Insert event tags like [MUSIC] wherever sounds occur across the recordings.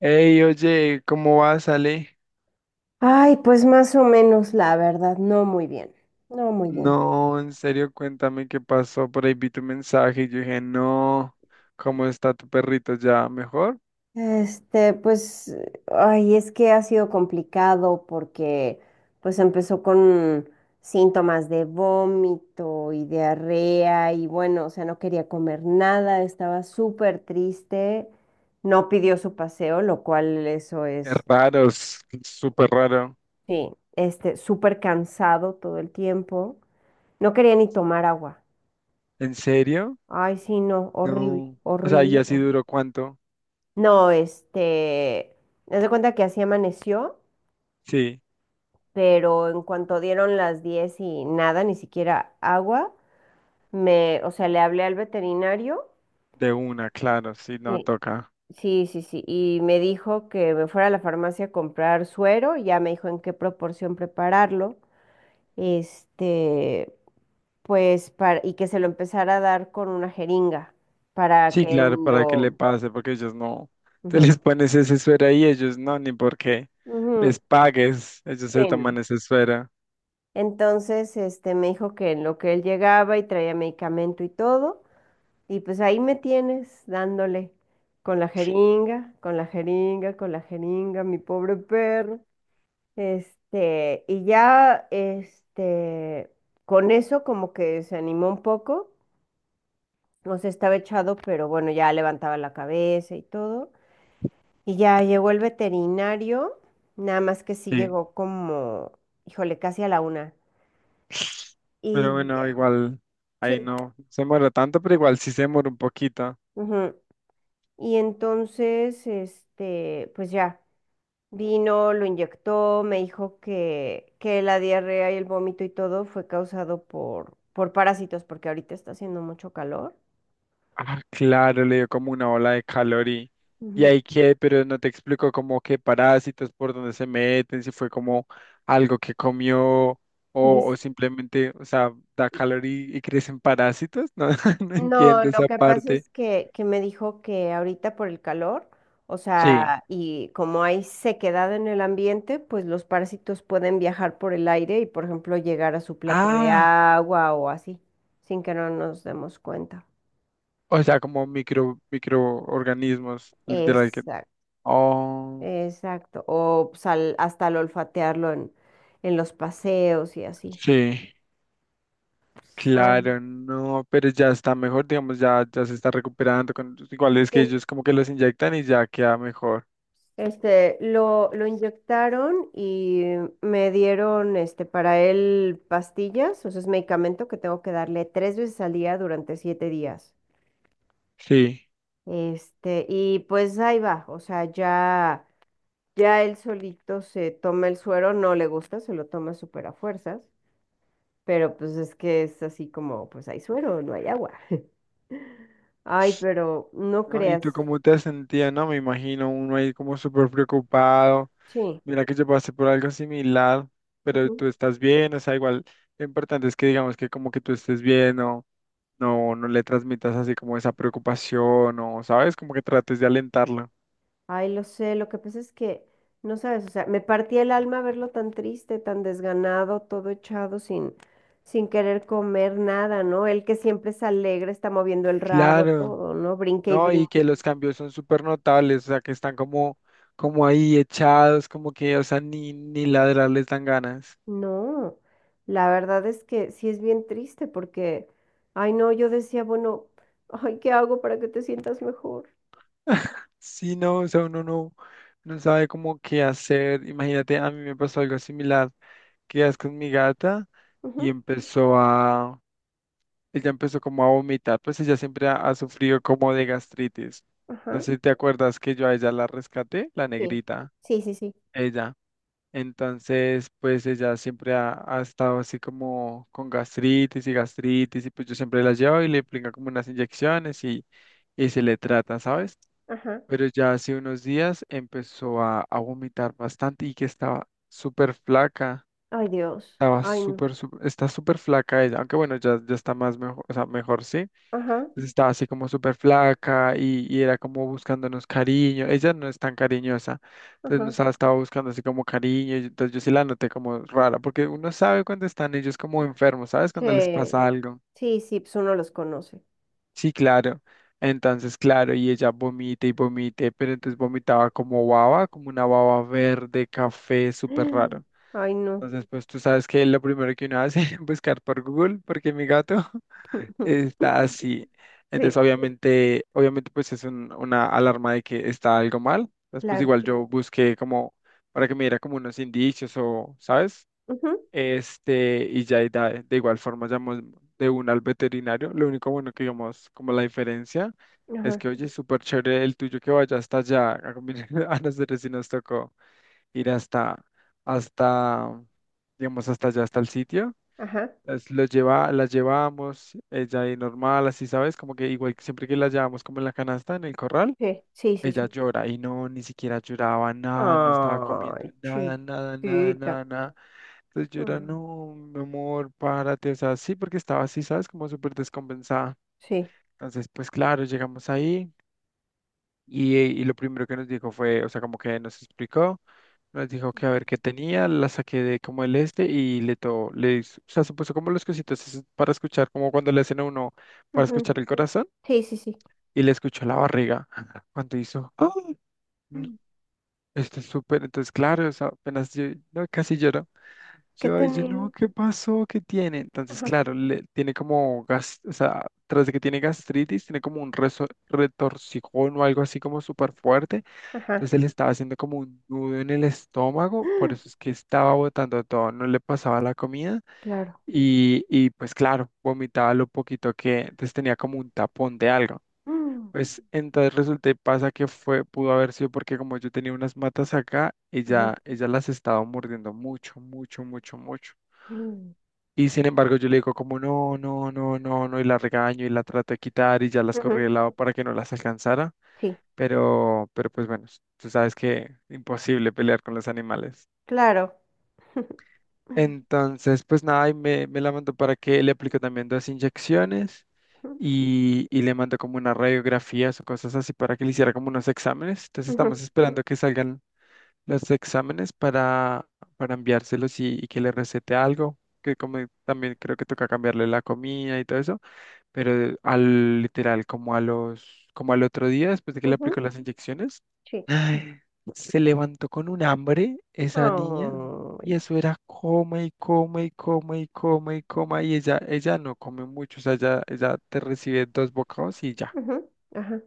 Ey, oye, ¿cómo vas, Ale? Ay, pues más o menos, la verdad, no muy bien, no muy bien. No, en serio, cuéntame qué pasó. Por ahí vi tu mensaje y yo dije, no, ¿cómo está tu perrito ya? ¿Mejor? Este, pues, ay, es que ha sido complicado porque, pues, empezó con síntomas de vómito y diarrea y bueno, o sea, no quería comer nada, estaba súper triste, no pidió su paseo, lo cual eso Es es, raro, es súper raro. sí, este, súper cansado todo el tiempo, no quería ni tomar agua. ¿En serio? Ay, sí, no, horrible, No. O sea, horrible, ¿y así horrible. duró cuánto? No, este, haz de cuenta que así amaneció, Sí, pero en cuanto dieron las 10 y nada, ni siquiera agua, o sea, le hablé al veterinario. de una, claro, sí, no Sí, toca. sí, sí, sí, y me dijo que me fuera a la farmacia a comprar suero, y ya me dijo en qué proporción prepararlo, este, pues, y que se lo empezara a dar con una jeringa, para Sí, que claro, en para que le lo... pase, porque ellos no. Te Ujú, les pones ese suero ahí, ellos no, ni porque les ujú, pagues, ellos sí, se no. toman ese suero. Entonces, este, me dijo que en lo que él llegaba y traía medicamento y todo, y pues ahí me tienes dándole con la jeringa, con la jeringa, con la jeringa, mi pobre perro. Este, y ya, este, con eso como que se animó un poco, no se estaba echado, pero bueno, ya levantaba la cabeza y todo. Y ya llegó el veterinario, nada más que sí Sí. llegó como, híjole, casi a la 1. Y Pero bueno, ya. igual ahí Sí, no se muere tanto, pero igual sí se muere un poquito. ujú. Y entonces, este, pues ya, vino, lo inyectó, me dijo que la diarrea y el vómito y todo fue causado por parásitos, porque ahorita está haciendo mucho calor. Ah, claro, le dio como una ola de calor y Ujú. ahí qué, pero no te explico como qué parásitos, por dónde se meten, si fue como algo que comió o, Dice- o simplemente, o sea, da calor y crecen parásitos. No, [LAUGHS] no no, entiendo lo esa que pasa parte. es que me dijo que ahorita por el calor, o Sí. sea, y como hay sequedad en el ambiente, pues los parásitos pueden viajar por el aire y, por ejemplo, llegar a su plato de Ah, agua o así, sin que no nos demos cuenta. o sea, como microorganismos, literal que. Exacto. Oh, Exacto. O pues, hasta al olfatearlo en los paseos y así. sí. Ay, Claro, no, pero ya está mejor, digamos, ya se está recuperando. Igual es que sí. ellos como que los inyectan y ya queda mejor. Este, lo inyectaron y me dieron este, para él pastillas, o sea, es medicamento que tengo que darle tres veces al día durante 7 días. Sí. Este, y pues ahí va, o sea, ya, ya él solito se toma el suero, no le gusta, se lo toma súper a fuerzas. Pero pues es que es así como, pues hay suero, no hay agua. [LAUGHS] Ay, pero no ¿No? ¿Y tú creas. cómo te has sentido? No, me imagino uno ahí como súper preocupado. Sí, Mira que yo pasé por algo similar, pero ujú. tú estás bien, o sea, igual lo importante es que digamos que como que tú estés bien, no le transmitas así como esa preocupación, o sabes, como que trates de alentarlo. Ay, lo sé, lo que pasa es que, no sabes, o sea, me partía el alma verlo tan triste, tan desganado, todo echado sin, sin querer comer nada, ¿no? Él que siempre es alegre, está moviendo el rabo, Claro. todo, ¿no? Brinque y ¿No? Y que brinque. los cambios son súper notables, o sea, que están como, como ahí echados, como que, o sea, ni ladrar les dan ganas. No, la verdad es que sí es bien triste porque, ay, no, yo decía, bueno, ay, ¿qué hago para que te sientas mejor? [LAUGHS] Sí, no, o sea, uno no sabe cómo qué hacer. Imagínate, a mí me pasó algo similar, que es con mi gata y Ujú. empezó a, ella empezó como a vomitar, pues ella siempre ha sufrido como de gastritis. No Ajá, sé si te acuerdas que yo a ella la rescaté, la sí, negrita, sí, sí, sí, ella. Entonces, pues ella siempre ha estado así como con gastritis y gastritis y pues yo siempre la llevo y le aplica como unas inyecciones y se le trata, ¿sabes? ajá. Pero ya hace unos días empezó a vomitar bastante y que estaba súper flaca, Ay, Dios. Ay, no. Está súper flaca ella, aunque bueno, ya está más mejor, o sea, mejor sí Ajá, pues, estaba así como súper flaca y era como buscándonos cariño. Ella no es tan cariñosa, entonces ajá. nos estaba buscando así como cariño. Y entonces yo sí la noté como rara, porque uno sabe cuando están ellos como enfermos, ¿sabes? Cuando les Sí, pasa algo. sí, sí, pues uno los conoce. Sí, claro. Entonces, claro, y ella vomita y vomite, pero entonces vomitaba como baba, como una baba verde, café, súper [GASPS] raro. Ay, no. Entonces, pues tú sabes que lo primero que uno hace [LAUGHS] es buscar por Google, porque mi gato está [LAUGHS] así. Entonces, Sí, obviamente, obviamente, pues es una alarma de que está algo mal. Después, claro. igual yo busqué como para que me diera como unos indicios o, ¿sabes? Ujú. Y ya de igual forma llamó de una al veterinario. Lo único bueno que digamos, como la diferencia, es Ajá, que, oye, súper chévere el tuyo que vaya hasta allá. [LAUGHS] A nosotros sí nos tocó ir hasta, digamos, hasta allá, hasta el sitio. ajá. Las llevábamos ella ahí normal, así, ¿sabes? Como que igual que siempre que las llevamos como en la canasta, en el corral, Sí, sí, sí, ella sí. llora y no, ni siquiera lloraba nada, no estaba comiendo Ay, nada, nada, nada, chiquita. nada, nada. Entonces yo era, Mm, no, mi amor, párate, o sea, sí, porque estaba así, ¿sabes? Como súper descompensada. sí, Entonces, pues claro, llegamos ahí. Y lo primero que nos dijo fue, o sea, como que nos explicó, nos dijo que a ver qué tenía, la saqué de como el este y le to, le, hizo- o sea, se puso como los cositos esos para escuchar, como cuando le hacen a uno para ujú, escuchar el corazón sí, sí, sí. y le escuchó la barriga [LAUGHS] cuando hizo, ¡Ah! No, Mm. esto es súper, entonces claro, o sea, apenas yo, no, casi lloro. ¿Qué Yo, ay, yo, tenía? no, ¿qué pasó? ¿Qué tiene? Entonces, Ajá, claro, tiene como gas, o sea, tras de que tiene gastritis, tiene como un retorcijón o algo así como súper fuerte ajá. entonces él estaba haciendo como un nudo en el estómago, por eso es [GASPS] que estaba botando todo, no le pasaba la comida Claro. y pues claro, vomitaba lo poquito que, entonces tenía como un tapón de algo. Mm, Pues entonces resulta y pasa que fue, pudo haber sido porque como yo tenía unas matas acá, ajá. ella las estaba mordiendo mucho, mucho, mucho, mucho. Mm, Y sin embargo yo le digo como no, no, no, no, no, y la regaño y la trato de quitar y ya las corrí ujú, de lado para que no las alcanzara. sí, Pero pues bueno, tú sabes que [LAUGHS] imposible pelear con los animales. claro. [LAUGHS] Entonces, pues nada, y me la mandó para que le aplique también dos inyecciones y le mandó como unas radiografías o cosas así para que le hiciera como unos exámenes. Entonces Ujú, estamos esperando que salgan los exámenes para enviárselos y que le recete algo, que como también creo que toca cambiarle la comida y todo eso pero al literal, como al otro día, después de que le ujú, aplicó las inyecciones, sí. ay, se levantó con un hambre esa niña y Ay, eso era coma y coma y coma y coma y coma y ella no come mucho, o sea, ella te recibe dos bocados y ya. ujú, ajá.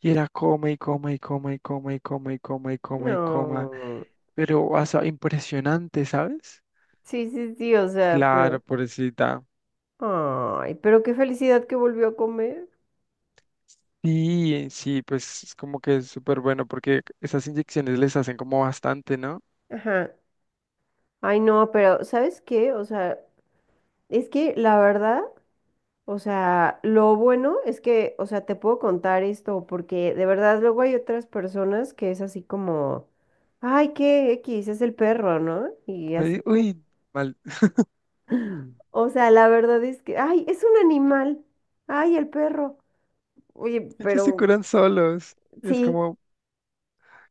Y era coma y coma y coma y coma y coma y coma y coma y coma, No. pero, o sea, impresionante, ¿sabes? Sí, sí, sí, o sea, pero. Claro, pobrecita. Ay, pero qué felicidad que volvió a comer. Sí, sí, pues es como que es súper bueno porque esas inyecciones les hacen como bastante, ¿no? Ajá. Ay, no, pero ¿sabes qué? O sea, es que la verdad, o sea, lo bueno es que, o sea, te puedo contar esto, porque de verdad luego hay otras personas que es así como, ay, qué X, es el perro, ¿no? Y Ay, así como, uy, mal. [CLEARS THROAT] [LAUGHS] Mm. o sea, la verdad es que, ay, es un animal, ay, el perro. Oye, Ellos se pero curan solos. Es sí, como,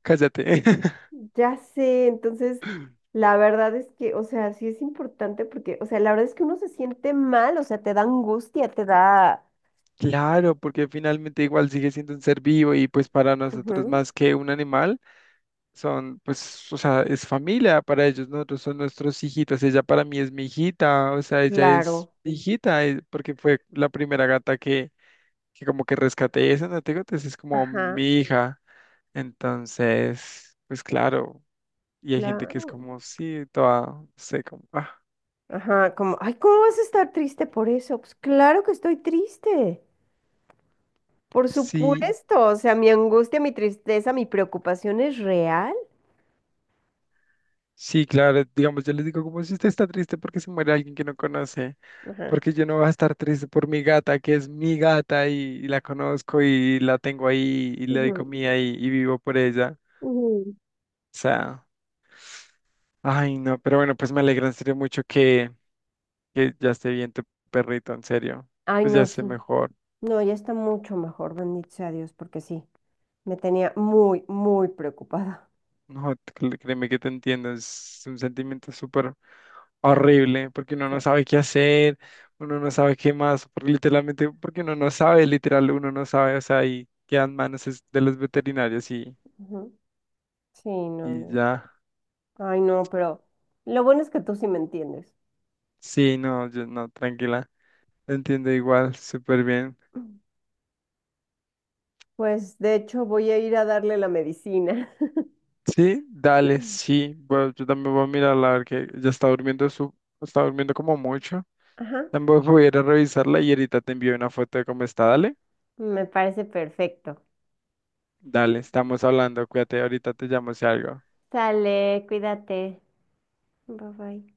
cállate. [LAUGHS] ya sé. Entonces, la verdad es que, o sea, sí es importante porque, o sea, la verdad es que uno se siente mal, o sea, te da angustia, te da... Claro, porque finalmente igual sigue siendo un ser vivo y pues para nosotros Ujú. más que un animal, son pues, o sea, es familia para ellos, nosotros son nuestros hijitos, ella para mí es mi hijita, o sea, ella es Claro, mi hijita, porque fue la primera gata que, como que rescaté, esa no te digo, entonces es como ajá, mi hija. Entonces, pues claro, y hay gente que es claro, como, sí, toda, no sé, como, ah, ajá, como, ay, ¿cómo vas a estar triste por eso? Pues claro que estoy triste, por sí, supuesto, o sea, mi angustia, mi tristeza, mi preocupación es real. sí, claro, digamos, yo les digo, como si usted está triste porque se muere alguien que no conoce, Ajá. porque yo no voy a estar triste por mi gata, que es mi gata y la conozco y la tengo ahí y le doy Ujú, comida y vivo por ella. ujú. O sea, ay, no, pero bueno, pues me alegra en serio mucho que ya esté bien tu perrito, en serio, Ay, pues ya no, esté sí, mejor. no, ya está mucho mejor, bendito sea Dios, porque sí. Me tenía muy, muy preocupada. No, créeme que te entiendo, es un sentimiento súper horrible, porque uno Sí. no sabe qué hacer, uno no sabe qué más, porque literalmente, porque uno no sabe, literal, uno no sabe, o sea, y quedan manos es de los veterinarios y, Ujú. Sí, no, y no. ya. Ay, no, pero lo bueno es que tú sí me entiendes. Sí, no, yo no, tranquila, te entiendo igual, súper bien. Pues de hecho voy a ir a darle la medicina. [LAUGHS] Sí, dale, sí, bueno, yo también voy a mirarla, a ver que ya está durmiendo está durmiendo como mucho. Ajá, También voy a ir a revisarla y ahorita te envío una foto de cómo está, dale. me parece perfecto. Dale, estamos hablando, cuídate, ahorita te llamo si algo. Sale, cuídate. Bye bye.